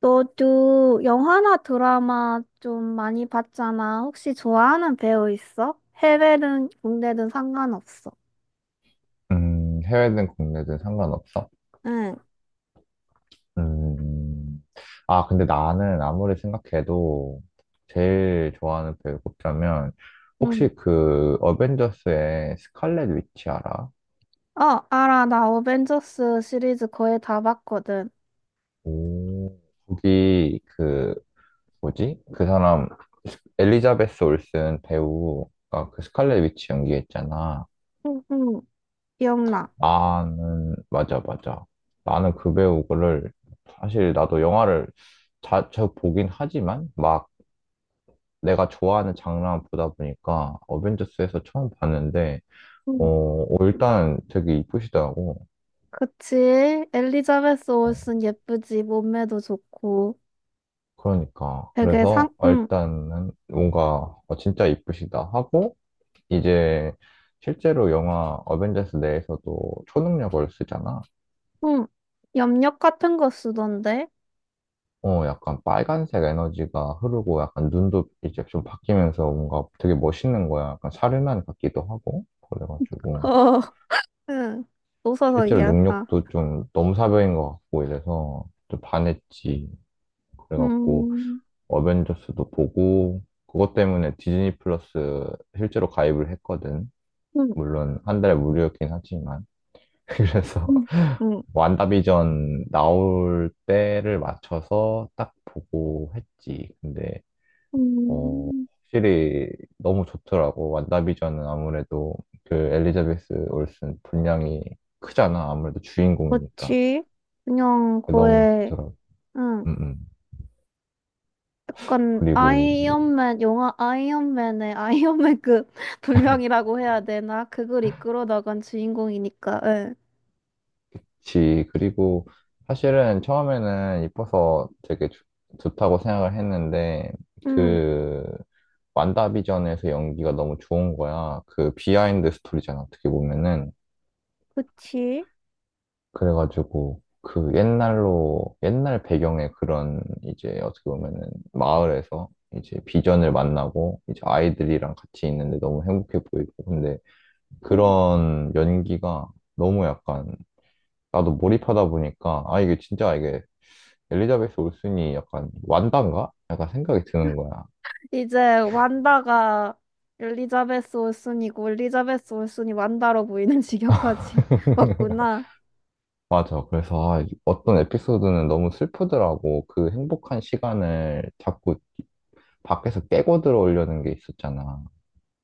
너도 영화나 드라마 좀 많이 봤잖아. 혹시 좋아하는 배우 있어? 해외든 국내든 상관없어. 해외든 국내든 상관없어? 응, 음, 근데 나는 아무리 생각해도 제일 좋아하는 배우 꼽자면, 혹시 응. 그 어벤져스의 스칼렛 위치 알아? 알아. 나 어벤져스 시리즈 거의 다 봤거든. 오, 거기 그, 뭐지? 그 사람, 스- 엘리자베스 올슨 배우가 그 스칼렛 위치 연기했잖아. 응, 응, 기억나. 맞아, 맞아. 나는 그 배우를, 사실 나도 영화를 주 보긴 하지만, 막, 내가 좋아하는 장르만 보다 보니까 어벤져스에서 처음 봤는데, 어, 응. 일단 되게 이쁘시더라고. 그치? 엘리자베스 어, 올슨 예쁘지. 몸매도 좋고. 그러니까. 되게 상, 그래서 응, 일단은 뭔가 진짜 이쁘시다 하고, 이제 실제로 영화 어벤져스 내에서도 초능력을 쓰잖아. 응. 염력 같은 거 쓰던데? 어, 약간 빨간색 에너지가 흐르고 약간 눈도 이제 좀 바뀌면서 뭔가 되게 멋있는 거야. 약간 사르난 같기도 하고. 그래가지고. 어, 응. 웃어서 실제로 미안하다. 능력도 좀 너무 사벽인 것 같고 이래서 좀 반했지. 그래갖고 음, 어벤져스도 보고 그것 때문에 디즈니 플러스 실제로 가입을 했거든. 응, 물론 한 달에 무료였긴 하지만 그래서 응. 완다비전 나올 때를 맞춰서 딱 보고 했지. 근데 어 음, 확실히 너무 좋더라고. 완다비전은 아무래도 그 엘리자베스 올슨 분량이 크잖아. 아무래도 주인공이니까. 그렇지. 그냥 너무 거의, 좋더라고. 응, 음, 음. 약간 그리고, 아이언맨, 영화 아이언맨의 아이언맨급 분량이라고 해야 되나? 그걸 이끌어 나간 주인공이니까, 응. 그리고, 사실은 처음에는 이뻐서 되게 좋다고 생각을 했는데, 응, 그, 완다비전에서 연기가 너무 좋은 거야. 그 비하인드 스토리잖아, 어떻게 보면은. 그치. 그래가지고, 옛날 배경의 그런, 이제 어떻게 보면은, 마을에서 이제 비전을 만나고, 이제 아이들이랑 같이 있는데 너무 행복해 보이고, 근데 응. 그런 연기가 너무 약간 나도 몰입하다 보니까, 아, 이게 엘리자베스 올슨이 약간 완단가? 약간 생각이 드는 거야. 이제 완다가 엘리자베스 올슨이고, 엘리자베스 올슨이 완다로 보이는 지경까지 왔구나. 맞아. 그래서 아, 어떤 에피소드는 너무 슬프더라고. 그 행복한 시간을 자꾸 밖에서 깨고 들어오려는 게 있었잖아.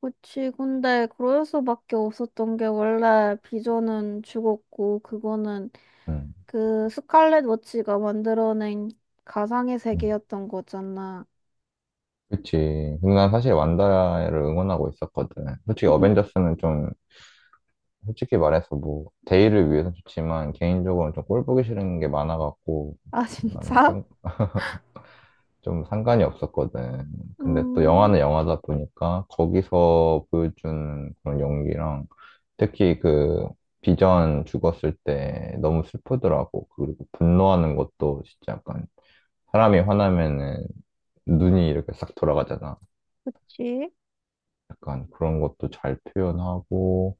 그치. 근데 그래서밖에 없었던 게 원래 비전은 죽었고, 그거는 응. 그 스칼렛 워치가 만들어낸 가상의 응. 세계였던 거잖아. 그치. 근데 난 사실 완다를 응원하고 있었거든. 솔직히 어벤져스는 좀, 솔직히 말해서 뭐, 대의를 위해서 좋지만, 개인적으로는 좀 꼴보기 싫은 게 많아갖고, 아, 나는 진짜? 좀 상관이 없었거든. 근데 또 음, 영화는 영화다 보니까 거기서 보여준 그런 연기랑 특히 그 비전 죽었을 때 너무 슬프더라고. 그리고 분노하는 것도 진짜 약간 사람이 화나면은 눈이 이렇게 싹 돌아가잖아. 그치? 약간 그런 것도 잘 표현하고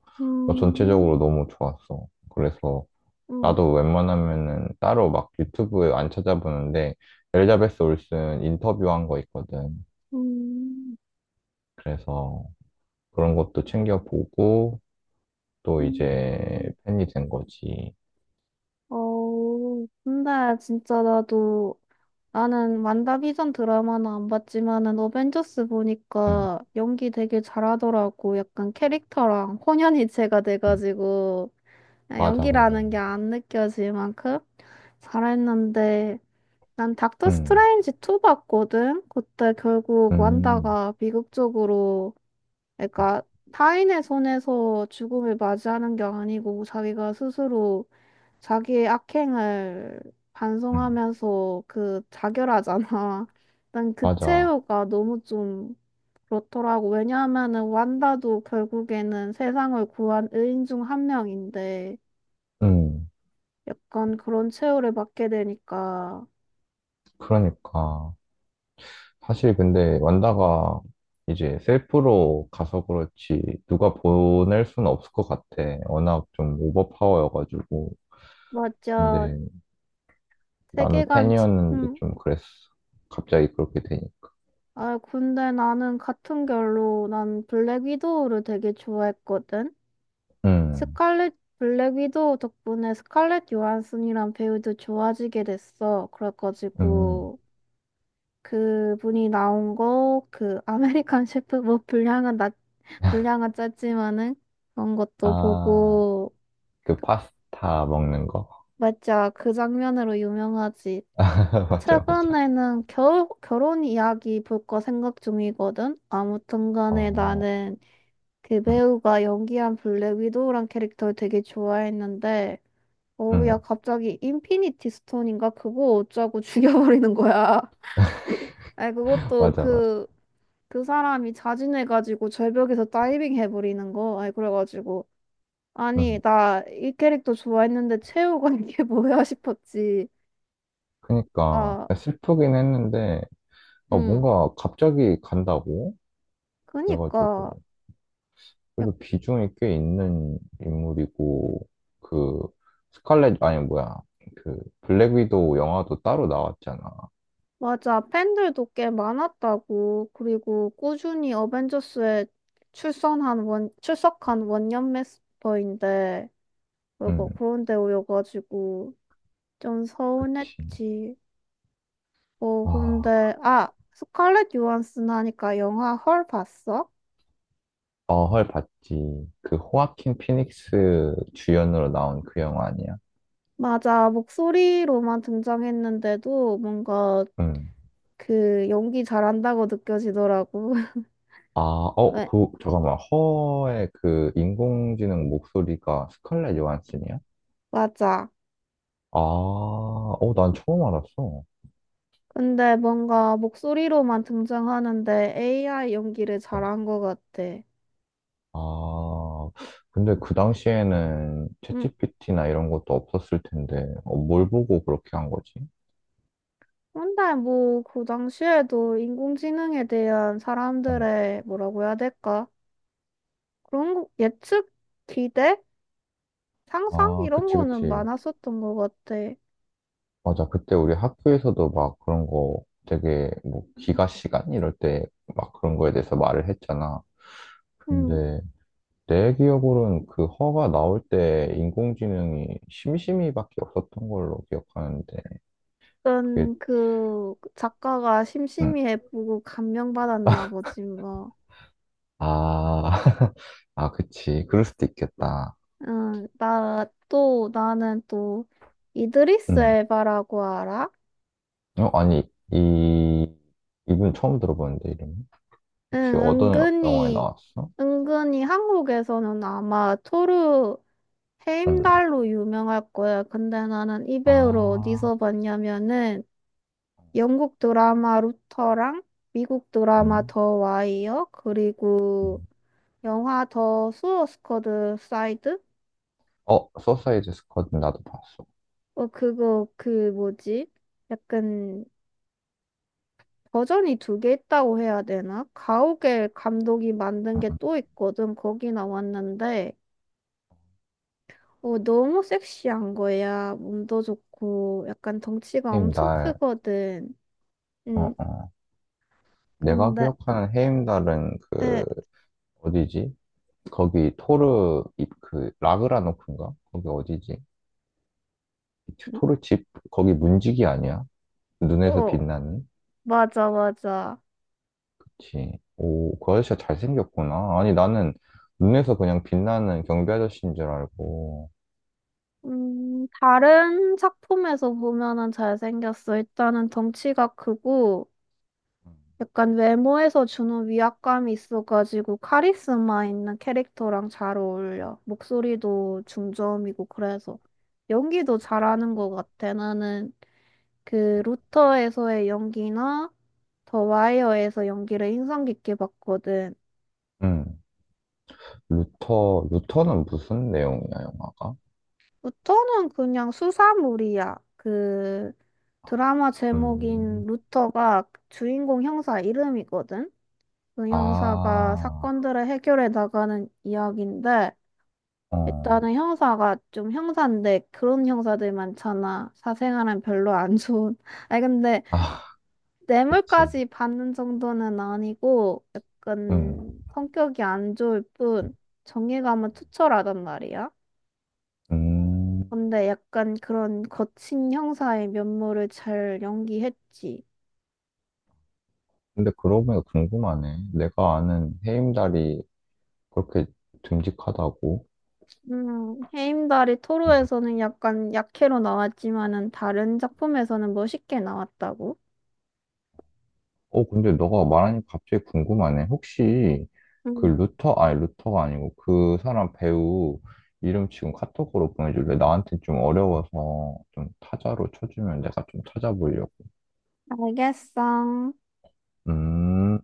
어, 음, 전체적으로 너무 좋았어. 그래서 음, 나도 웬만하면은 따로 막 유튜브에 안 찾아보는데 엘자베스 올슨 인터뷰한 거 있거든. 음, 그래서 그런 것도 챙겨보고 또 이제 음. 팬이 된 거지. 근데 진짜 나는 완다비전 드라마는 안 봤지만은 어벤져스 응, 보니까 연기 되게 잘하더라고. 약간 캐릭터랑 혼연일체가 응. 돼가지고, 아, 맞아, 맞아. 연기라는 게 안 느껴질 만큼 잘했는데, 난 닥터 응, 스트레인지 2 봤거든? 그때 결국 응, 완다가 미국 쪽으로, 응, 그러니까 타인의 손에서 죽음을 맞이하는 게 아니고 자기가 스스로 자기의 악행을 응. 반성하면서 그 자결하잖아. 난 그 맞아. 최후가 너무 좀 그렇더라고. 왜냐하면은 완다도 결국에는 세상을 구한 의인 중 한 명인데 응, 약간 그런 최후를 받게 되니까. 그러니까. 사실 근데 완다가 이제 셀프로 가서 그렇지 누가 보낼 수는 없을 것 같아. 워낙 좀 오버파워여가지고. 맞아. 근데 나는 세계관 치- 팬이었는데 음, 좀 그랬어. 갑자기 그렇게 되니까. 아, 근데 나는 같은 결로 난 블랙 위도우를 되게 좋아했거든. 응, 스칼렛 블랙 위도우 덕분에 스칼렛 요한슨이란 배우도 좋아지게 됐어. 응. 그래가지고 그분이 나온 거 그 아메리칸 셰프 뭐 분량은 짧지만은 그런 것도 아, 보고. 그 파스타 먹는 거? 맞아, 그 장면으로 유명하지. 맞아, 맞아. 최근에는 결 결혼 이야기 볼 거 생각 중이거든. 아무튼 간에 어, 나는 그 응, 배우가 연기한 블랙 위도우란 캐릭터를 되게 좋아했는데, 어우, 응, 야, 갑자기 인피니티 스톤인가? 그거 어쩌고 죽여버리는 거야. 아니, 그것도 맞아, 맞아. 그, 그 사람이 자진해가지고 절벽에서 다이빙 해버리는 거. 아니, 그래가지고. 아니, 응. 나 이 캐릭터 좋아했는데 최후가 이게 뭐야 싶었지. 그니까, 아, 슬프긴 했는데, 어, 음. 뭔가 갑자기 간다고? 그래가지고, 그니까. 그래도 비중이 꽤 있는 인물이고, 그, 스칼렛, 아니, 뭐야, 그, 블랙 위도우 영화도 따로 나왔잖아. 맞아. 팬들도 꽤 많았다고. 그리고 꾸준히 어벤져스에 출석한 원년 멤버인데, 응, 그리고 그런데 오여가지고 좀 그치. 서운했지. 아, 그 아, 스칼렛 요한슨 하니까 영화 헐 봤어? 어헐 봤지. 그 호아킨 피닉스 주연으로 나온 그 영화 아니야? 맞아. 목소리로만 등장했는데도 뭔가 응. 그 연기 잘한다고 느껴지더라고. 아, 왜? 잠깐만. 허의 그 인공지능 목소리가 스칼렛 요한슨이야? 맞아. 아, 어, 난 처음 알았어. 근데 뭔가 목소리로만 등장하는데 AI 연기를 응. 잘한 것 같아. 아, 근데 그 당시에는 음, 챗GPT나 이런 것도 없었을 텐데, 어, 뭘 보고 그렇게 한 거지? 근데 뭐 그 당시에도 인공지능에 대한 응. 사람들의 뭐라고 해야 될까? 예측, 기대, 상상 아, 이런 그치, 거는 그치. 많았었던 것 같아. 맞아. 그때 우리 학교에서도 막 그런 거 되게 뭐 기가 시간 이럴 때 막 그런 거에 대해서 말을 했잖아. 음, 근데 내 기억으로는 그 허가 나올 때 인공지능이 심심이밖에 없었던 걸로 기억하는데 그게 일단 그 작가가 음. 심심이에 보고 감명받았나 보지 뭐. 아, 아, 그치. 그럴 수도 있겠다. 응. 나 또 나는 또 이드리스 음. 엘바라고 알아? 어, 아니, 이, 이분 처음 들어보는데, 이름. 응, 혹시 어떤 영화에 은근히, 나왔어? 은근히 한국에서는 아마 토르 응. 헤임달로 유명할 거야. 근데 나는 이 배우를 아, 어디서 봤냐면은 영국 드라마 루터랑 미국 드라마 음. 더 와이어 그리고 음. 영화 더 수어스쿼드 사이드? 어, 소사이드 스쿼드 나도 봤어. 어, 그거, 그 뭐지? 약간 버전이 두 개 있다고 해야 되나? 가오갤 감독이 만든 응, 게 응. 또 있거든. 거기 나왔는데. 어, 너무 섹시한 거야. 몸도 좋고, 약간 덩치가 엄청 헤임달. 크거든. 어, 응, 어. 내가 근데, 기억하는 헤임달은 에, 어디지? 거기 토르 입 그 라그라노크인가? 거기 어디지? 토르 집 거기 문지기 아니야? 눈에서 어, 빛나는? 맞아, 맞아. 그치. 오, 그 아저씨가 잘생겼구나. 아니 나는 눈에서 그냥 빛나는 경비 아저씨인 줄 알고. 다른 작품에서 보면은 잘생겼어. 일단은 덩치가 크고, 약간 외모에서 주는 위압감이 있어가지고, 카리스마 있는 캐릭터랑 잘 어울려. 목소리도 중저음이고, 그래서. 연기도 잘하는 것 같아. 나는 그 루터에서의 연기나 더 와이어에서 연기를 인상 깊게 봤거든. 음. 루터는 무슨 내용이야, 영화가? 루터는 그냥 수사물이야. 그 드라마 음. 제목인 루터가 주인공 형사 이름이거든. 그 형사가 아, 사건들을 해결해 나가는 이야기인데 어. 일단은 형사가 좀 형사인데 그런 형사들 많잖아. 사생활은 별로 안 좋은. 아니 근데 아, 그치. 뇌물까지 받는 정도는 아니고 음. 약간 성격이 안 좋을 뿐 정의감은 투철하단 말이야. 음. 근데 약간 그런 거친 형사의 면모를 잘 연기했지. 근데 그러고 보니까 궁금하네. 내가 아는 헤임달이 그렇게 듬직하다고? 해임달이 토르에서는 약간 약해로 나왔지만은 다른 작품에서는 멋있게 나왔다고. 어, 근데 너가 말하니 갑자기 궁금하네. 혹시 그 음, 루터, 아니 루터가 아니고 그 사람 배우 이름 지금 카톡으로 보내줄래? 나한테 좀 어려워서 좀 타자로 쳐주면 내가 좀 찾아보려고. 알겠어. 음,